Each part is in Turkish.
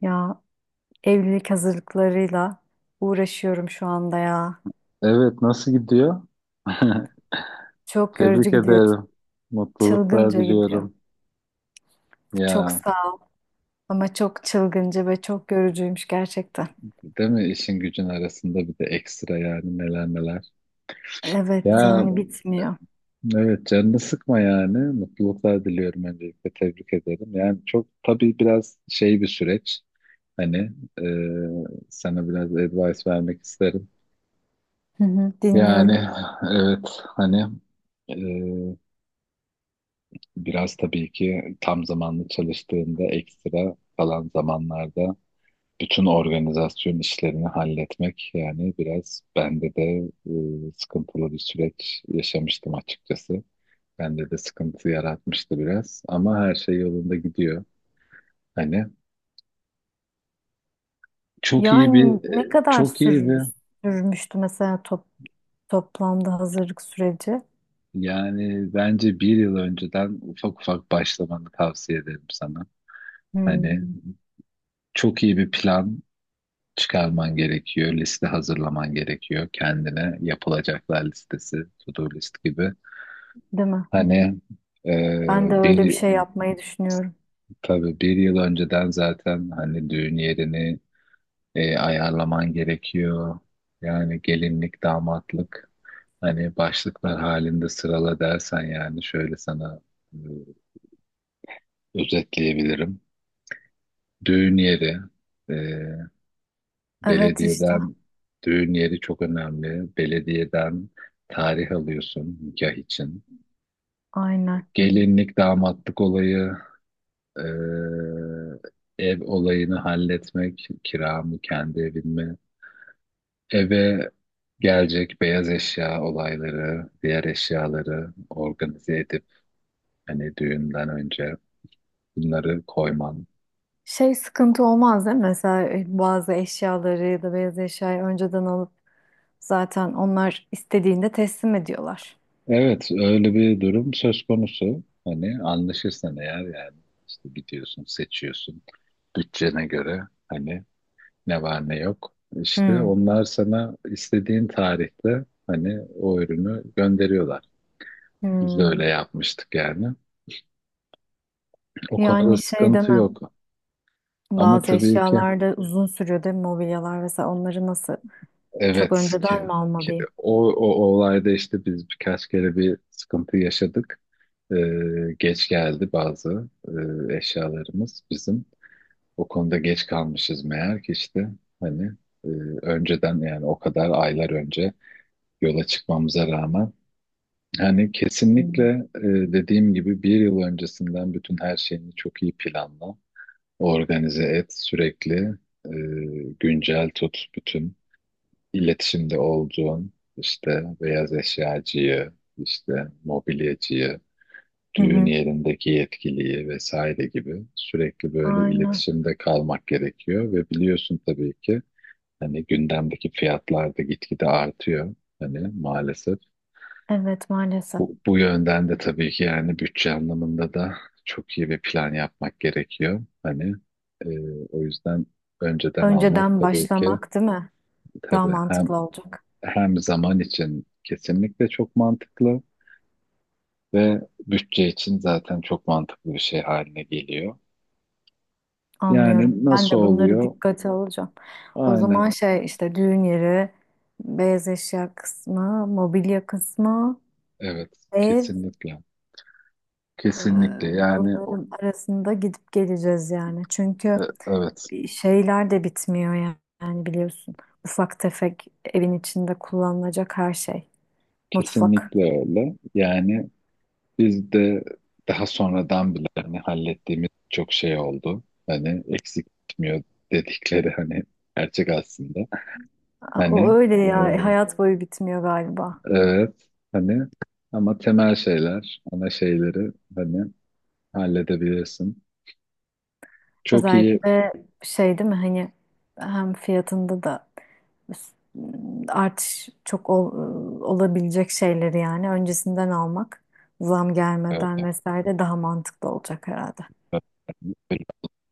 Ya evlilik hazırlıklarıyla uğraşıyorum şu anda ya. Evet, nasıl gidiyor? Çok yorucu Tebrik gidiyor, ederim. Mutluluklar çılgınca gidiyor. diliyorum. Çok Ya, sağ ol ama çok çılgınca ve çok yorucuymuş gerçekten. değil mi işin gücün arasında bir de ekstra yani neler neler. Evet Ya, yani bitmiyor. evet canını sıkma yani. Mutluluklar diliyorum, öncelikle tebrik ederim. Yani çok tabii biraz şey bir süreç. Hani e, Sana biraz advice vermek isterim. Hı hı, Yani dinliyorum. evet hani e, Biraz tabii ki tam zamanlı çalıştığında ekstra kalan zamanlarda bütün organizasyon işlerini halletmek, yani biraz bende de sıkıntılı bir süreç yaşamıştım açıkçası. Bende de sıkıntı yaratmıştı biraz, ama her şey yolunda gidiyor. Hani çok iyi bir Yani ne kadar çok iyi bir, sürmüştü mesela toplamda hazırlık süreci? yani bence bir yıl önceden ufak ufak başlamanı tavsiye ederim sana. Hani Hmm, çok iyi bir plan çıkarman gerekiyor, liste hazırlaman gerekiyor, kendine yapılacaklar listesi, to-do list gibi. değil mi? Hani e, Ben de öyle bir bir şey yapmayı düşünüyorum. tabii bir yıl önceden zaten hani düğün yerini ayarlaman gerekiyor. Yani gelinlik, damatlık hani başlıklar halinde sırala dersen, yani şöyle sana e, özetleyebilirim. Düğün yeri e, Evet işte belediyeden Düğün yeri çok önemli. Belediyeden tarih alıyorsun nikah için. aynen. Gelinlik, damatlık olayı, Ee, ev olayını halletmek, kira mı, kendi evin mi? Eve gelecek beyaz eşya olayları, diğer eşyaları organize edip hani düğünden önce bunları koyman. Şey sıkıntı olmaz değil mi? Mesela bazı eşyaları ya da beyaz eşyayı önceden alıp zaten onlar istediğinde teslim ediyorlar. Evet, öyle bir durum söz konusu. Hani anlaşırsan eğer, yani işte gidiyorsun, seçiyorsun, bütçene göre hani ne var ne yok. İşte Hmm. onlar sana istediğin tarihte hani o ürünü gönderiyorlar. Biz de Hmm. öyle yapmıştık yani. O konuda Yani şey sıkıntı deme, yok. Ama bazı tabii ki eşyalarda uzun sürüyor değil mi, mobilyalar mesela onları nasıl, çok evet, ki, önceden mi ki almalıyım? o, o, o olayda işte biz birkaç kere bir sıkıntı yaşadık. Geç geldi bazı eşyalarımız bizim. O konuda geç kalmışız meğer ki, işte hani e, önceden, yani o kadar aylar önce yola çıkmamıza rağmen hani kesinlikle, Hmm. e, dediğim gibi bir yıl öncesinden bütün her şeyini çok iyi planla. Organize et, sürekli e, güncel tut, bütün iletişimde olduğun işte beyaz eşyacıyı, işte mobilyacıyı, Hı düğün hı. yerindeki yetkiliyi vesaire gibi, sürekli böyle Aynen. iletişimde kalmak gerekiyor. Ve biliyorsun tabii ki hani gündemdeki fiyatlar da gitgide artıyor. Hani maalesef Evet maalesef. bu yönden de tabii ki, yani bütçe anlamında da çok iyi bir plan yapmak gerekiyor. Hani e, o yüzden önceden almak Önceden tabii ki, başlamak değil mi? Daha tabii hem, mantıklı olacak. hem zaman için kesinlikle çok mantıklı ve bütçe için zaten çok mantıklı bir şey haline geliyor. Anlıyorum. Yani Ben nasıl de bunları oluyor? dikkate alacağım. O zaman Aynen. şey işte düğün yeri, beyaz eşya kısmı, mobilya kısmı, Evet, ev, kesinlikle. e, Kesinlikle yani bunların arasında gidip geleceğiz yani. Çünkü e, evet. bir şeyler de bitmiyor yani, yani biliyorsun. Ufak tefek evin içinde kullanılacak her şey. Mutfak. Kesinlikle öyle. Yani biz de daha sonradan bile hani hallettiğimiz çok şey oldu. Hani eksik gitmiyor dedikleri hani gerçek aslında. O Hani öyle e, ya, hayat boyu bitmiyor galiba. evet hani, ama temel şeyler, ana şeyleri hani halledebilirsin. Çok iyi Özellikle şey değil mi hani, hem fiyatında da artış çok olabilecek şeyleri yani öncesinden almak, zam gelmeden e, vesaire daha mantıklı olacak herhalde.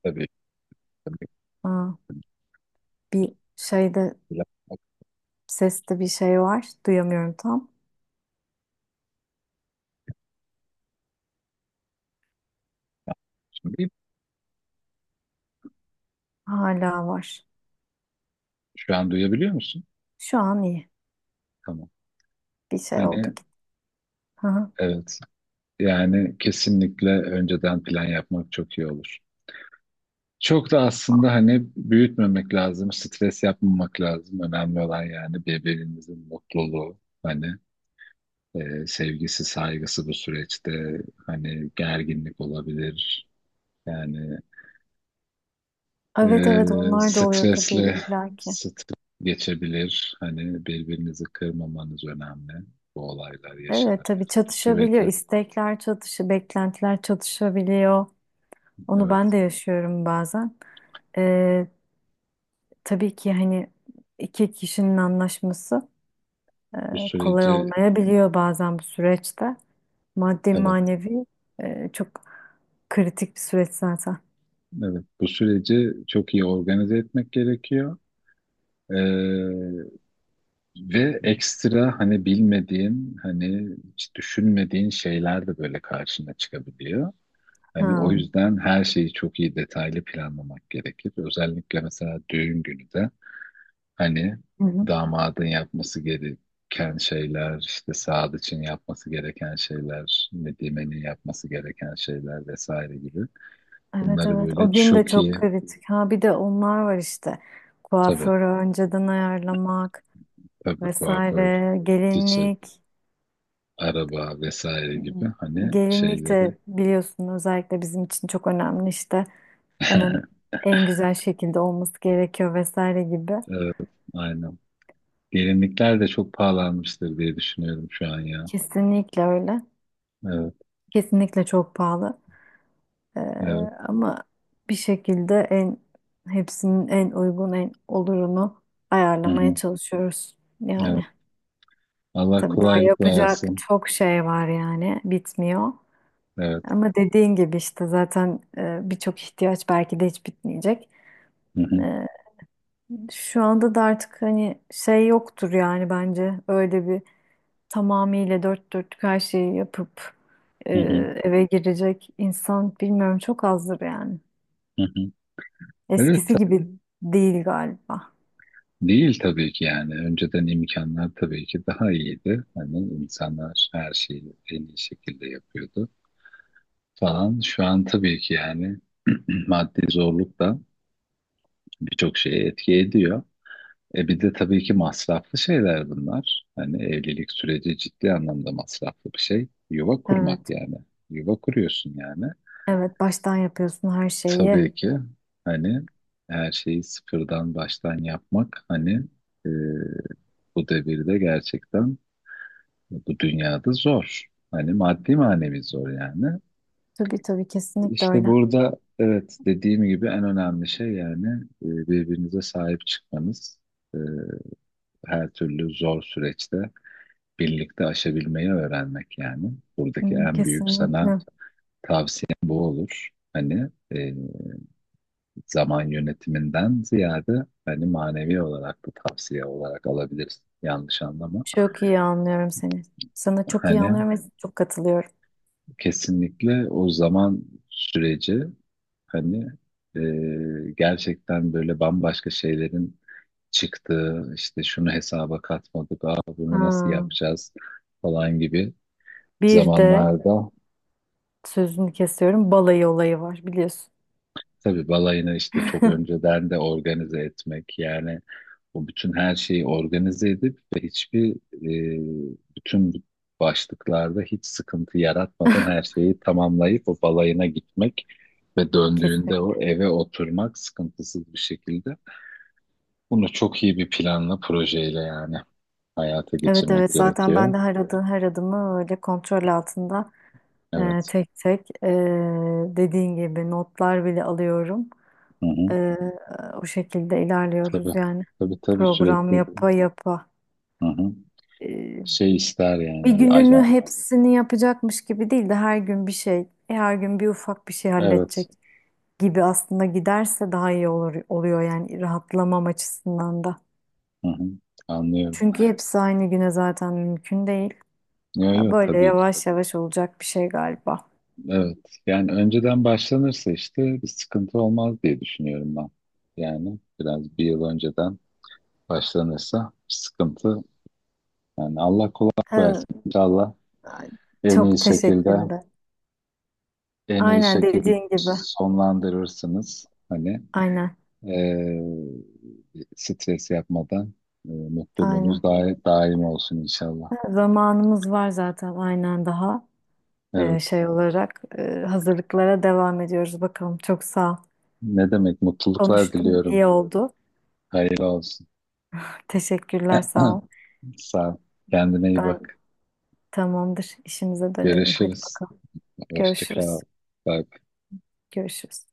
tabii Aa, bir şeyde, ki. seste bir şey var, duyamıyorum tam, hala var. Şu an duyabiliyor musun? Şu an iyi, Tamam. bir şey oldu Hani gitti. Hı hı. evet, yani kesinlikle önceden plan yapmak çok iyi olur. Çok da aslında hani büyütmemek lazım, stres yapmamak lazım. Önemli olan yani birbirinizin mutluluğu, hani sevgisi, saygısı bu süreçte. Hani gerginlik olabilir, yani Evet evet, e, onlar da oluyor tabii stresli illaki. stres geçebilir. Hani birbirinizi kırmamanız önemli bu olaylar Evet yaşanırken. tabii çatışabiliyor, istekler çatışıyor, beklentiler çatışabiliyor. Onu ben evet, de yaşıyorum bazen. Ee, tabii ki hani iki kişinin anlaşması bu kolay süreci, olmayabiliyor bazen bu süreçte. Maddi evet, manevi çok kritik bir süreç zaten. evet, bu süreci çok iyi organize etmek gerekiyor. Ee, Ve ekstra hani bilmediğin, hani hiç düşünmediğin şeyler de böyle karşına çıkabiliyor. Hani o Ha. yüzden her şeyi çok iyi, detaylı planlamak gerekir. Özellikle mesela düğün günü de hani Hı hı. damadın yapması gereken şeyler, işte saat için yapması gereken şeyler, nedimenin yapması gereken şeyler vesaire gibi. Evet Bunları evet, o böyle gün de çok çok iyi, kritik. Ha bir de onlar var işte. tabii, Kuaförü önceden ayarlamak tabii kuaför, vesaire, çiçek, gelinlik. araba vesaire gibi hani Gelinlik şeyleri. de biliyorsun özellikle bizim için çok önemli işte, onun en güzel şekilde olması gerekiyor vesaire gibi. Evet, aynen. Gelinlikler de çok pahalanmıştır diye düşünüyorum şu an ya. Kesinlikle öyle. Evet, Kesinlikle çok pahalı. Ee, evet. ama bir şekilde en, hepsinin en uygun en olurunu Hı ayarlamaya hı, çalışıyoruz. evet. Yani Allah tabii daha kolaylık yapacak versin. çok şey var yani bitmiyor. Evet. Ama dediğin gibi işte zaten birçok ihtiyaç belki de hiç bitmeyecek. Hı hı, Ee, Şu anda da artık hani şey yoktur yani, bence öyle bir tamamıyla dört dörtlük her şeyi yapıp e, hı hı, eve girecek insan bilmiyorum, çok azdır yani. hı hı. Evet, Eskisi ta- gibi değil galiba. değil tabii ki yani. Önceden imkanlar tabii ki daha iyiydi. Hani insanlar her şeyi en iyi şekilde yapıyordu falan. Şu an tabii ki yani maddi zorluk da birçok şeye etki ediyor. E bir de tabii ki masraflı şeyler bunlar. Hani evlilik süreci ciddi anlamda masraflı bir şey. Yuva kurmak Evet, yani. Yuva kuruyorsun yani. evet baştan yapıyorsun her şeyi. Tabii ki hani her şeyi sıfırdan baştan yapmak hani e, bu devirde gerçekten bu dünyada zor. Hani maddi manevi zor yani. Tabii tabii, kesinlikle İşte öyle. burada, evet, dediğim gibi en önemli şey, yani birbirinize sahip çıkmanız. E, her türlü zor süreçte birlikte aşabilmeyi öğrenmek yani. Buradaki Hmm, en büyük sana kesinlikle. tavsiyem bu olur. Hani e, zaman yönetiminden ziyade hani manevi olarak da tavsiye olarak alabilirsin. Yanlış anlama. Çok iyi anlıyorum seni. Sana çok iyi Hani anlıyorum ve çok katılıyorum. kesinlikle o zaman süreci hani e, gerçekten böyle bambaşka şeylerin çıktığı, işte şunu hesaba katmadık, aa, bunu nasıl Ha. yapacağız falan gibi Bir de zamanlarda. sözünü kesiyorum, balayı olayı var biliyorsun. Tabii balayını işte çok önceden de organize etmek, yani o bütün her şeyi organize edip ve hiçbir, bütün bu başlıklarda hiç sıkıntı yaratmadan her şeyi tamamlayıp o balayına gitmek ve döndüğünde Kesinlikle. o eve oturmak sıkıntısız bir şekilde. Bunu çok iyi bir planla, projeyle yani hayata Evet geçirmek evet, zaten ben gerekiyor. de her adım, her adımı öyle kontrol altında, Evet. tek tek, dediğin gibi notlar bile alıyorum. Hı hı. E, o şekilde Tabii. ilerliyoruz yani. Tabii tabii, Program sürekli. yapa yapa. Hı hı. E, Şey ister bir yani, bir gününü ajan. hepsini yapacakmış gibi değil de her gün bir şey, her gün bir ufak bir şey Evet. halledecek gibi aslında giderse daha iyi olur oluyor yani, rahatlamam açısından da. Hı hı, anlıyorum. Çünkü hepsi aynı güne zaten mümkün değil. Yok Ya yok, böyle tabii ki. yavaş yavaş olacak bir şey galiba. Evet. Yani önceden başlanırsa işte bir sıkıntı olmaz diye düşünüyorum ben. Yani biraz bir yıl önceden başlanırsa bir sıkıntı. Yani Allah kolaylık Evet, versin. İnşallah en iyi çok şekilde, teşekkürler. en iyi Aynen şekilde dediğin gibi. sonlandırırsınız. Hani Aynen. eee stres yapmadan, mutluluğunuz Aynen. daim, daim olsun inşallah. Zamanımız var zaten aynen, daha Evet. şey olarak hazırlıklara devam ediyoruz bakalım. Çok sağ ol. Ne demek, mutluluklar Konuştum, diliyorum. iyi oldu. Hayırlı olsun. Teşekkürler, sağ ol. Sağ ol. Kendine iyi Ben bak. tamamdır. İşimize dönelim. Hadi Görüşürüz. bakalım. Hoşça kal. Görüşürüz. Bye. Görüşürüz.